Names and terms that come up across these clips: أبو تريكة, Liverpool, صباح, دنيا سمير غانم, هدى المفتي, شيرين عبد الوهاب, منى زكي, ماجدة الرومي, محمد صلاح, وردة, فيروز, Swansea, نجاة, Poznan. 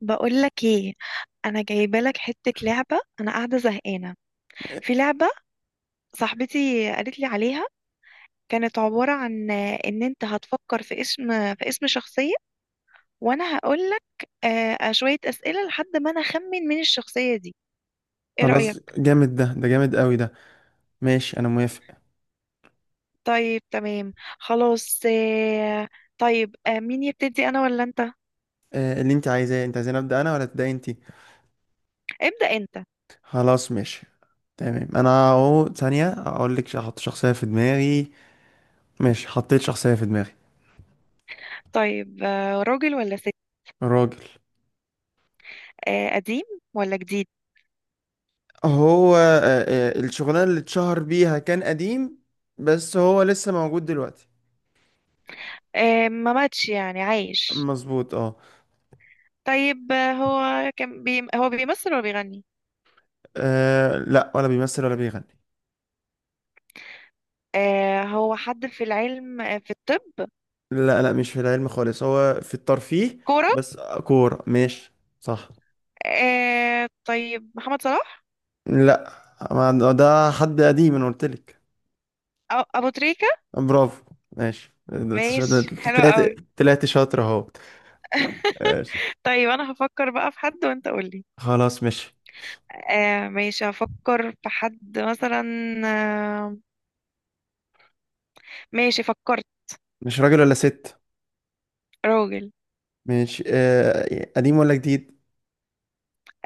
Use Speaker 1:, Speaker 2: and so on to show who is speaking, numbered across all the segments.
Speaker 1: بقول لك ايه. انا جايبه لك حته لعبه، انا قاعده زهقانه. في لعبه صاحبتي قالت لي عليها. كانت عباره عن ان انت هتفكر في اسم، في اسم شخصيه وانا هقول لك شويه اسئله لحد ما انا اخمن من الشخصيه دي. ايه رايك؟
Speaker 2: خلاص جامد ده جامد قوي ده. ماشي انا موافق.
Speaker 1: طيب، تمام، خلاص. طيب، مين يبتدي، انا ولا انت؟
Speaker 2: اللي انت عايزاه، انت عايزين ابدا انا ولا تبداي انت؟
Speaker 1: ابدا انت.
Speaker 2: خلاص ماشي. تمام، انا اهو ثانيه اقول لك احط شخصيه في دماغي. ماشي، حطيت شخصيه في دماغي.
Speaker 1: طيب، راجل ولا ست؟
Speaker 2: راجل.
Speaker 1: قديم ولا جديد؟
Speaker 2: هو الشغلانه اللي اتشهر بيها كان قديم. بس هو لسه موجود دلوقتي.
Speaker 1: ما ماتش يعني، عايش؟
Speaker 2: مظبوط اه.
Speaker 1: طيب، هو بيمثل ولا بيغني؟
Speaker 2: لا، ولا بيمثل ولا بيغني.
Speaker 1: آه، هو حد في العلم؟ في الطب؟
Speaker 2: لا، لا، مش في العلم خالص، هو في الترفيه.
Speaker 1: كورة.
Speaker 2: بس. كوره ماشي. صح.
Speaker 1: آه طيب، محمد صلاح؟
Speaker 2: لا، ما ده حد قديم، انا قلت لك.
Speaker 1: أو أبو تريكة؟
Speaker 2: برافو ماشي، ده.
Speaker 1: ماشي، حلو
Speaker 2: طلعت
Speaker 1: قوي.
Speaker 2: طلعت شاطر اهو. ماشي.
Speaker 1: طيب أنا هفكر بقى في حد وأنت قولي.
Speaker 2: خلاص ماشي.
Speaker 1: آه ماشي، هفكر في حد مثلا. آه ماشي، فكرت.
Speaker 2: مش راجل ولا ست؟
Speaker 1: راجل.
Speaker 2: ماشي. قديم ولا جديد؟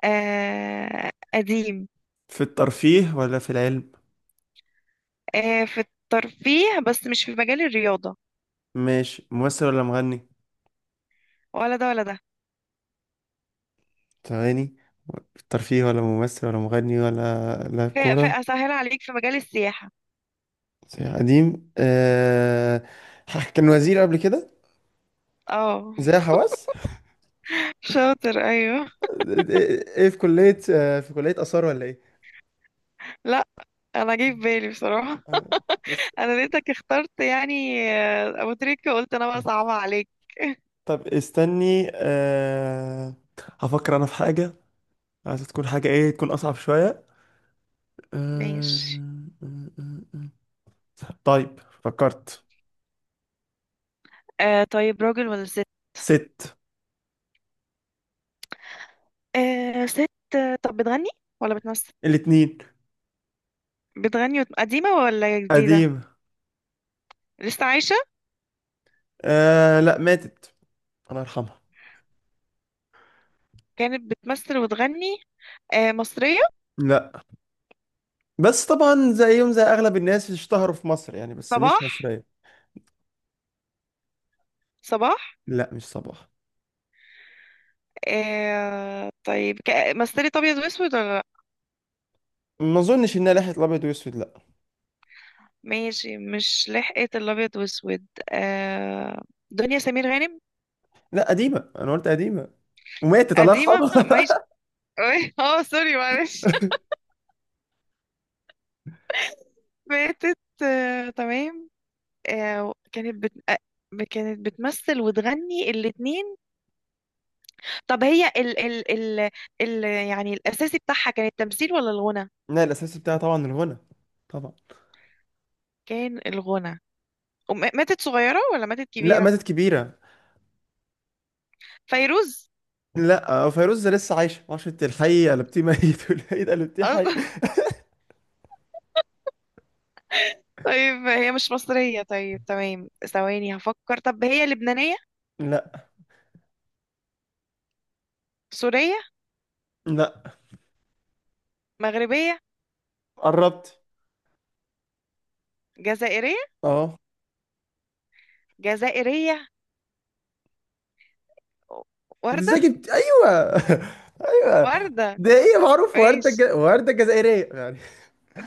Speaker 1: آه قديم.
Speaker 2: في الترفيه ولا في العلم؟
Speaker 1: آه في الترفيه، بس مش في مجال الرياضة.
Speaker 2: ماشي. ممثل ولا مغني؟
Speaker 1: ولا ده ولا ده.
Speaker 2: تغني. في الترفيه ولا ممثل ولا مغني ولا لاعب
Speaker 1: في
Speaker 2: كورة؟
Speaker 1: أسهل عليك، في مجال السياحة.
Speaker 2: زي قديم، كان وزير قبل كده.
Speaker 1: اه،
Speaker 2: زي حواس.
Speaker 1: شاطر، ايوه.
Speaker 2: ايه، في كلية آثار ولا ايه؟
Speaker 1: لا، انا جاي في بالي بصراحه.
Speaker 2: آه. بس.
Speaker 1: انا لقيتك اخترت يعني ابو تريكه، قلت انا بقى صعبه عليك.
Speaker 2: طب استني. هفكر انا في حاجة. عايز تكون حاجة ايه، تكون اصعب شوية. أه...
Speaker 1: ماشي.
Speaker 2: طيب فكرت.
Speaker 1: آه طيب، راجل ولا ست؟
Speaker 2: ست.
Speaker 1: آه ست. طب بتغني ولا بتمثل؟
Speaker 2: الاتنين.
Speaker 1: بتغني قديمه ولا جديده؟
Speaker 2: قديم.
Speaker 1: لسه عايشه؟
Speaker 2: لا، ماتت. الله يرحمها.
Speaker 1: كانت بتمثل وتغني. آه مصريه؟
Speaker 2: لا. بس طبعا زيهم زي اغلب الناس اشتهروا في مصر يعني، بس مش
Speaker 1: صباح.
Speaker 2: مصرية.
Speaker 1: صباح.
Speaker 2: لا، مش صباح.
Speaker 1: آه طيب، مثلت ابيض واسود ولا لا؟
Speaker 2: ما اظنش انها لحية الابيض واسود، لا.
Speaker 1: ماشي، مش لحقت الابيض واسود. آه، دنيا سمير غانم.
Speaker 2: لا، قديمة، انا قلت قديمة. وماتت، الله
Speaker 1: قديمه، ماشي.
Speaker 2: يرحمها.
Speaker 1: أوي. اه سوري معلش. ماتت. تمام. كانت بت... آه، كانت بتمثل وتغني الاتنين. طب هي يعني الأساسي بتاعها كان التمثيل ولا الغنى؟
Speaker 2: لا، الاساس بتاعها طبعا الغنى. طبعا.
Speaker 1: كان الغنى. ماتت صغيرة ولا ماتت
Speaker 2: لا،
Speaker 1: كبيرة؟
Speaker 2: ماتت كبيرة.
Speaker 1: فيروز.
Speaker 2: لا، فيروز لسه عايشة، معرفش انت الحي قلبتيه ميت والميت قلبتيه حي.
Speaker 1: أصلا طيب هي مش مصرية؟ طيب تمام، ثواني هفكر. طب هي لبنانية؟
Speaker 2: لا.
Speaker 1: سورية؟
Speaker 2: لا.
Speaker 1: مغربية؟
Speaker 2: قربت.
Speaker 1: جزائرية؟
Speaker 2: اه.
Speaker 1: جزائرية، وردة.
Speaker 2: ازاي جبت! ايوه. ايوه.
Speaker 1: وردة،
Speaker 2: ده ايه معروف، وردة ج...
Speaker 1: ماشي.
Speaker 2: وردة جزائرية يعني.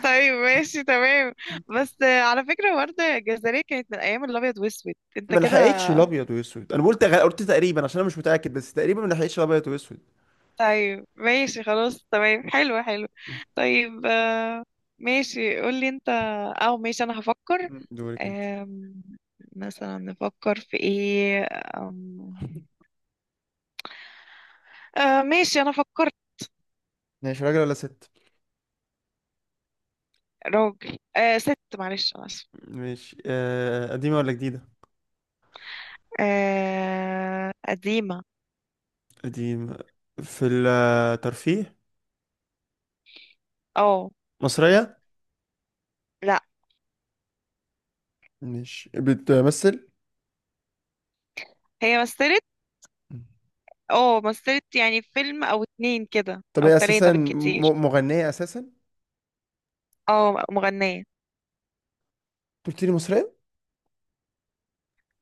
Speaker 1: طيب ماشي تمام. بس على فكرة، وردة الجزائرية كانت من أيام الأبيض وأسود أنت
Speaker 2: ما
Speaker 1: كده.
Speaker 2: لحقتش الابيض واسود، انا قلت تقريبا عشان انا مش متأكد، بس تقريبا ما لحقتش الابيض واسود.
Speaker 1: طيب ماشي، خلاص تمام، حلو حلو.
Speaker 2: م.
Speaker 1: طيب ماشي، قولي أنت، أو ماشي أنا هفكر.
Speaker 2: م. دورك انت.
Speaker 1: آم، مثلا نفكر في إيه؟ آم، آه ماشي أنا فكرت.
Speaker 2: ماشي. راجل ولا ست؟
Speaker 1: راجل، آه ست، معلش أنا آسفة.
Speaker 2: ماشي. قديمة ولا جديدة؟
Speaker 1: آه قديمة.
Speaker 2: قديمة. في الترفيه.
Speaker 1: أه.
Speaker 2: مصرية؟
Speaker 1: لأ.
Speaker 2: مش بتمثل؟
Speaker 1: هي مثلت. أه مثلت يعني في فيلم أو اتنين كده
Speaker 2: طب
Speaker 1: أو
Speaker 2: هي
Speaker 1: تلاتة
Speaker 2: اساسا
Speaker 1: بالكتير.
Speaker 2: مغنية اساسا، أنت.
Speaker 1: اه، مغنية.
Speaker 2: قلت لي مصرية.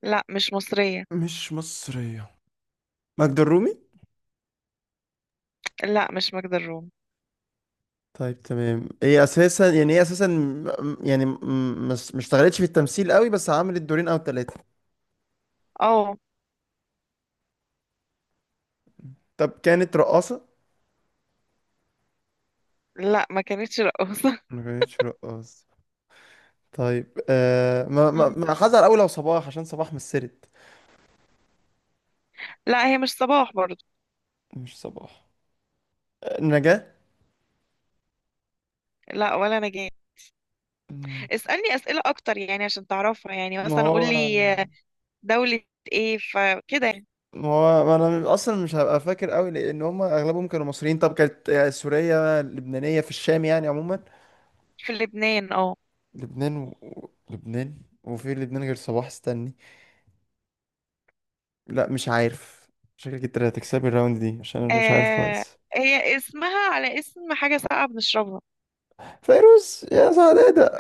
Speaker 1: لا مش مصرية.
Speaker 2: مش مصرية. ماجدة الرومي.
Speaker 1: لا مش ماجدة الرومي.
Speaker 2: طيب تمام، هي اساسا يعني مش اشتغلتش في التمثيل قوي، بس عملت دورين او ثلاثة.
Speaker 1: اه.
Speaker 2: طب كانت رقاصة؟
Speaker 1: لا ما كانتش رقاصة.
Speaker 2: ما كانتش رقاصة. طيب، ما ما
Speaker 1: مم.
Speaker 2: ما حذر قوي لو صباح، عشان صباح مثلت.
Speaker 1: لا هي مش صباح برضو.
Speaker 2: مش صباح. نجاة؟
Speaker 1: لا ولا نجاة.
Speaker 2: مم.
Speaker 1: اسألني أسئلة أكتر يعني عشان تعرفها، يعني
Speaker 2: ما
Speaker 1: مثلا قول
Speaker 2: هو
Speaker 1: لي دولة ايه، فكده يعني.
Speaker 2: ما هو ما انا اصلا مش هبقى فاكر قوي، لان هم اغلبهم كانوا مصريين. طب كانت سورية لبنانية في الشام يعني عموما.
Speaker 1: في لبنان، اه.
Speaker 2: لبنان. وفي لبنان غير صباح، استني. لا، مش عارف. شكلك انت اللي هتكسبي الراوند دي، عشان انا مش عارف
Speaker 1: آه،
Speaker 2: خالص.
Speaker 1: هي اسمها على اسم حاجة ساقعة بنشربها.
Speaker 2: فيروز يا سعدادة!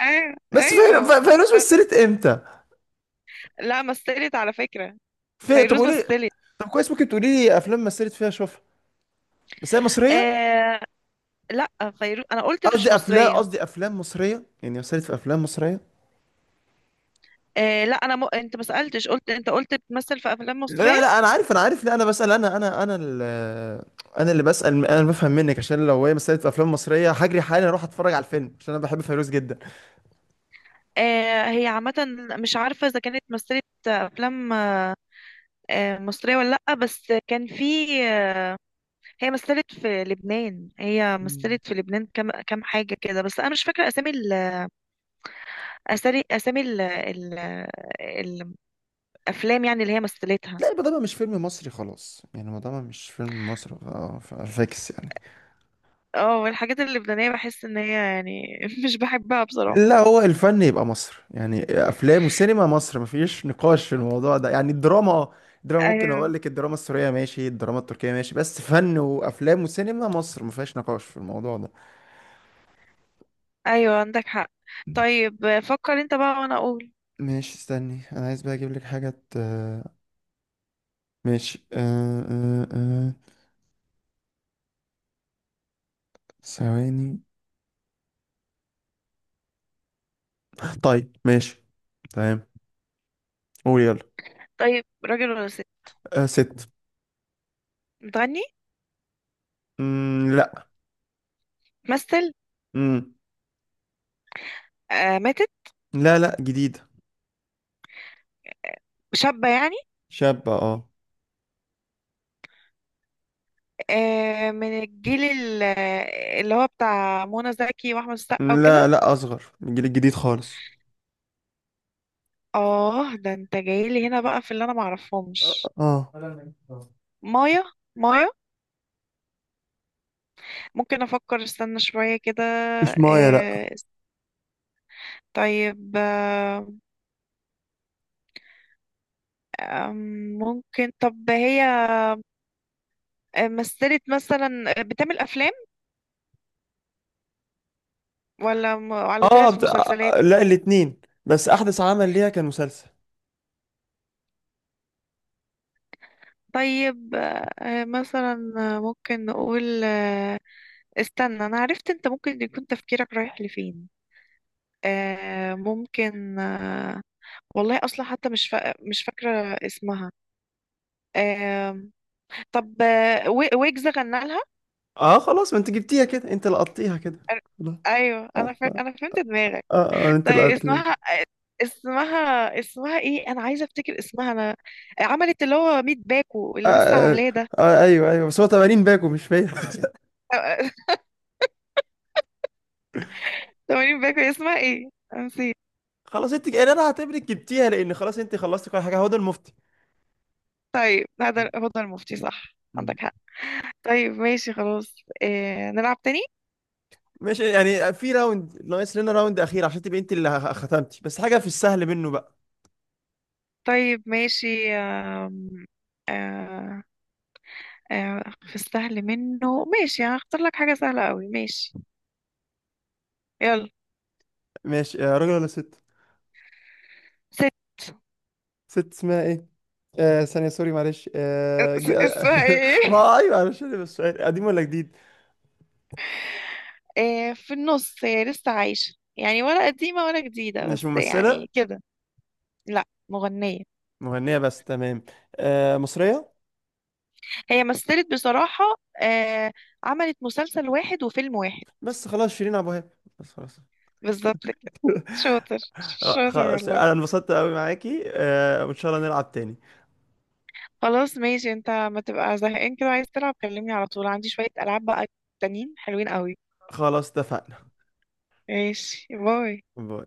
Speaker 1: ايوه
Speaker 2: بس فير...
Speaker 1: ايوه.
Speaker 2: ف- فيروز
Speaker 1: ب-
Speaker 2: مثلت امتى؟
Speaker 1: لا، مثلت على فكرة.
Speaker 2: طب
Speaker 1: فيروز
Speaker 2: قولي.
Speaker 1: مثلت.
Speaker 2: طب كويس، ممكن تقولي لي افلام مثلت فيها اشوفها. بس هي مصرية.
Speaker 1: آه لا، فيروز انا قلت مش
Speaker 2: قصدي افلام
Speaker 1: مصرية.
Speaker 2: قصدي افلام مصرية، يعني مثلت في افلام مصرية.
Speaker 1: آه لا، انا انت ما سالتش، قلت انت قلت بتمثل في افلام
Speaker 2: لا،
Speaker 1: مصريه.
Speaker 2: لا، لا، انا عارف، لا، انا بسأل، انا انا اللي بسأل، انا اللي بفهم منك، عشان لو هي مثلت في افلام مصرية هجري حالا اروح اتفرج على الفيلم، عشان انا بحب فيروز جدا.
Speaker 1: هي عامه مش عارفه اذا كانت مثلت افلام آه مصريه ولا لا، بس كان في آه، هي مثلت في لبنان، هي مثلت في لبنان كم حاجه كده، بس انا مش فاكره اسامي اسامي الافلام يعني اللي هي مثلتها.
Speaker 2: لا، يبقى ده مش فيلم مصري خلاص يعني، ما ده مش فيلم مصري، فيكس يعني.
Speaker 1: اه، الحاجات اللبنانيه بحس ان هي يعني مش بحبها بصراحه.
Speaker 2: لا، هو الفن يبقى مصر، يعني افلام وسينما مصر مفيش نقاش في الموضوع ده، يعني الدراما. الدراما ممكن اقول
Speaker 1: ايوه
Speaker 2: لك، الدراما السورية ماشي، الدراما التركية ماشي، بس فن وافلام وسينما مصر مفيهاش نقاش في الموضوع ده.
Speaker 1: ايوه، عندك حق. طيب فكر انت بقى وانا اقول.
Speaker 2: ماشي استني، انا عايز بقى اجيب لك حاجة، ماشي. ثواني. طيب ماشي. تمام. قول يلا.
Speaker 1: طيب راجل ولا ست؟
Speaker 2: ست.
Speaker 1: بتغني؟
Speaker 2: لا.
Speaker 1: تمثل؟
Speaker 2: مم.
Speaker 1: آه ماتت؟
Speaker 2: لا، لا، جديد.
Speaker 1: شابة يعني؟
Speaker 2: شاب اه.
Speaker 1: آه من الجيل اللي هو بتاع منى زكي واحمد السقا وكده.
Speaker 2: لا، لا، اصغر من الجيل الجديد خالص.
Speaker 1: اه ده انت جايلي هنا بقى في اللي انا معرفهمش.
Speaker 2: اه.
Speaker 1: مايا. مايا. ممكن افكر، استنى شوية كده.
Speaker 2: مش مايا، لا.
Speaker 1: آه طيب آه. أم، ممكن طب هي مثلت مثلا، بتعمل افلام ولا ولا
Speaker 2: اه،
Speaker 1: طلعت في مسلسلات؟
Speaker 2: لا، الاتنين. بس احدث عمل ليها كان مسلسل.
Speaker 1: طيب آه مثلا ممكن نقول استنى انا عرفت انت ممكن يكون تفكيرك رايح لفين. آه ممكن آه. والله اصلا حتى مش فاكره اسمها. آه طب ويجز غنى لها؟
Speaker 2: اه خلاص، ما انت جبتيها كده، انت لقطتيها كده. خلاص.
Speaker 1: ايوه، انا
Speaker 2: اه، اه،
Speaker 1: انا فهمت دماغك.
Speaker 2: انت
Speaker 1: طيب
Speaker 2: لقطتيها.
Speaker 1: اسمها، اسمها ايه، انا عايزه افتكر اسمها انا. عملت اللي هو 100 باكو
Speaker 2: آه,
Speaker 1: اللي لسه
Speaker 2: آه,
Speaker 1: عاملاه ده.
Speaker 2: ايوه، ايوه، بس هو 80 باكو مش فيا.
Speaker 1: 80 باكو، اسمها ايه أنا نسيت.
Speaker 2: خلاص، انت يعني انا هعتبرك جبتيها، لان خلاص انت خلصتي كل حاجه، هو ده المفتي.
Speaker 1: طيب هدى، هدى المفتي، صح؟
Speaker 2: مم.
Speaker 1: عندك حق. طيب ماشي خلاص. إيه... نلعب تاني؟
Speaker 2: ماشي يعني، في راوند ناقص لنا، راوند اخير عشان تبقي انت اللي ختمتي، بس حاجه في السهل منه بقى.
Speaker 1: طيب ماشي. آم، آه، آه، في السهل منه، ماشي، يعني هختار لك حاجة سهلة قوي، ماشي. يلا.
Speaker 2: ماشي. راجل ولا ست؟
Speaker 1: ست.
Speaker 2: ست. اسمها ايه؟ ثانية سوري معلش،
Speaker 1: اسمها ايه؟
Speaker 2: ما ايوه معلش، انا بس سؤال: قديم ولا جديد؟
Speaker 1: في النص، هي لسه عايشة يعني، ولا قديمة ولا جديدة
Speaker 2: مش
Speaker 1: بس،
Speaker 2: ممثلة؟
Speaker 1: يعني كده. لا مغنية.
Speaker 2: مغنية بس، تمام. مصرية؟
Speaker 1: هي مثلت بصراحة. آه، عملت مسلسل واحد وفيلم واحد.
Speaker 2: بس خلاص شيرين عبد الوهاب. بس خلاص.
Speaker 1: بالظبط كده. شاطر شاطر
Speaker 2: خلاص
Speaker 1: والله.
Speaker 2: انا انبسطت قوي معاكي وان شاء الله نلعب تاني.
Speaker 1: خلاص ماشي. انت ما تبقى زهقان كده عايز تلعب كلمني على طول، عندي شوية ألعاب بقى تانيين حلوين قوي.
Speaker 2: خلاص اتفقنا.
Speaker 1: ماشي، باي.
Speaker 2: باي.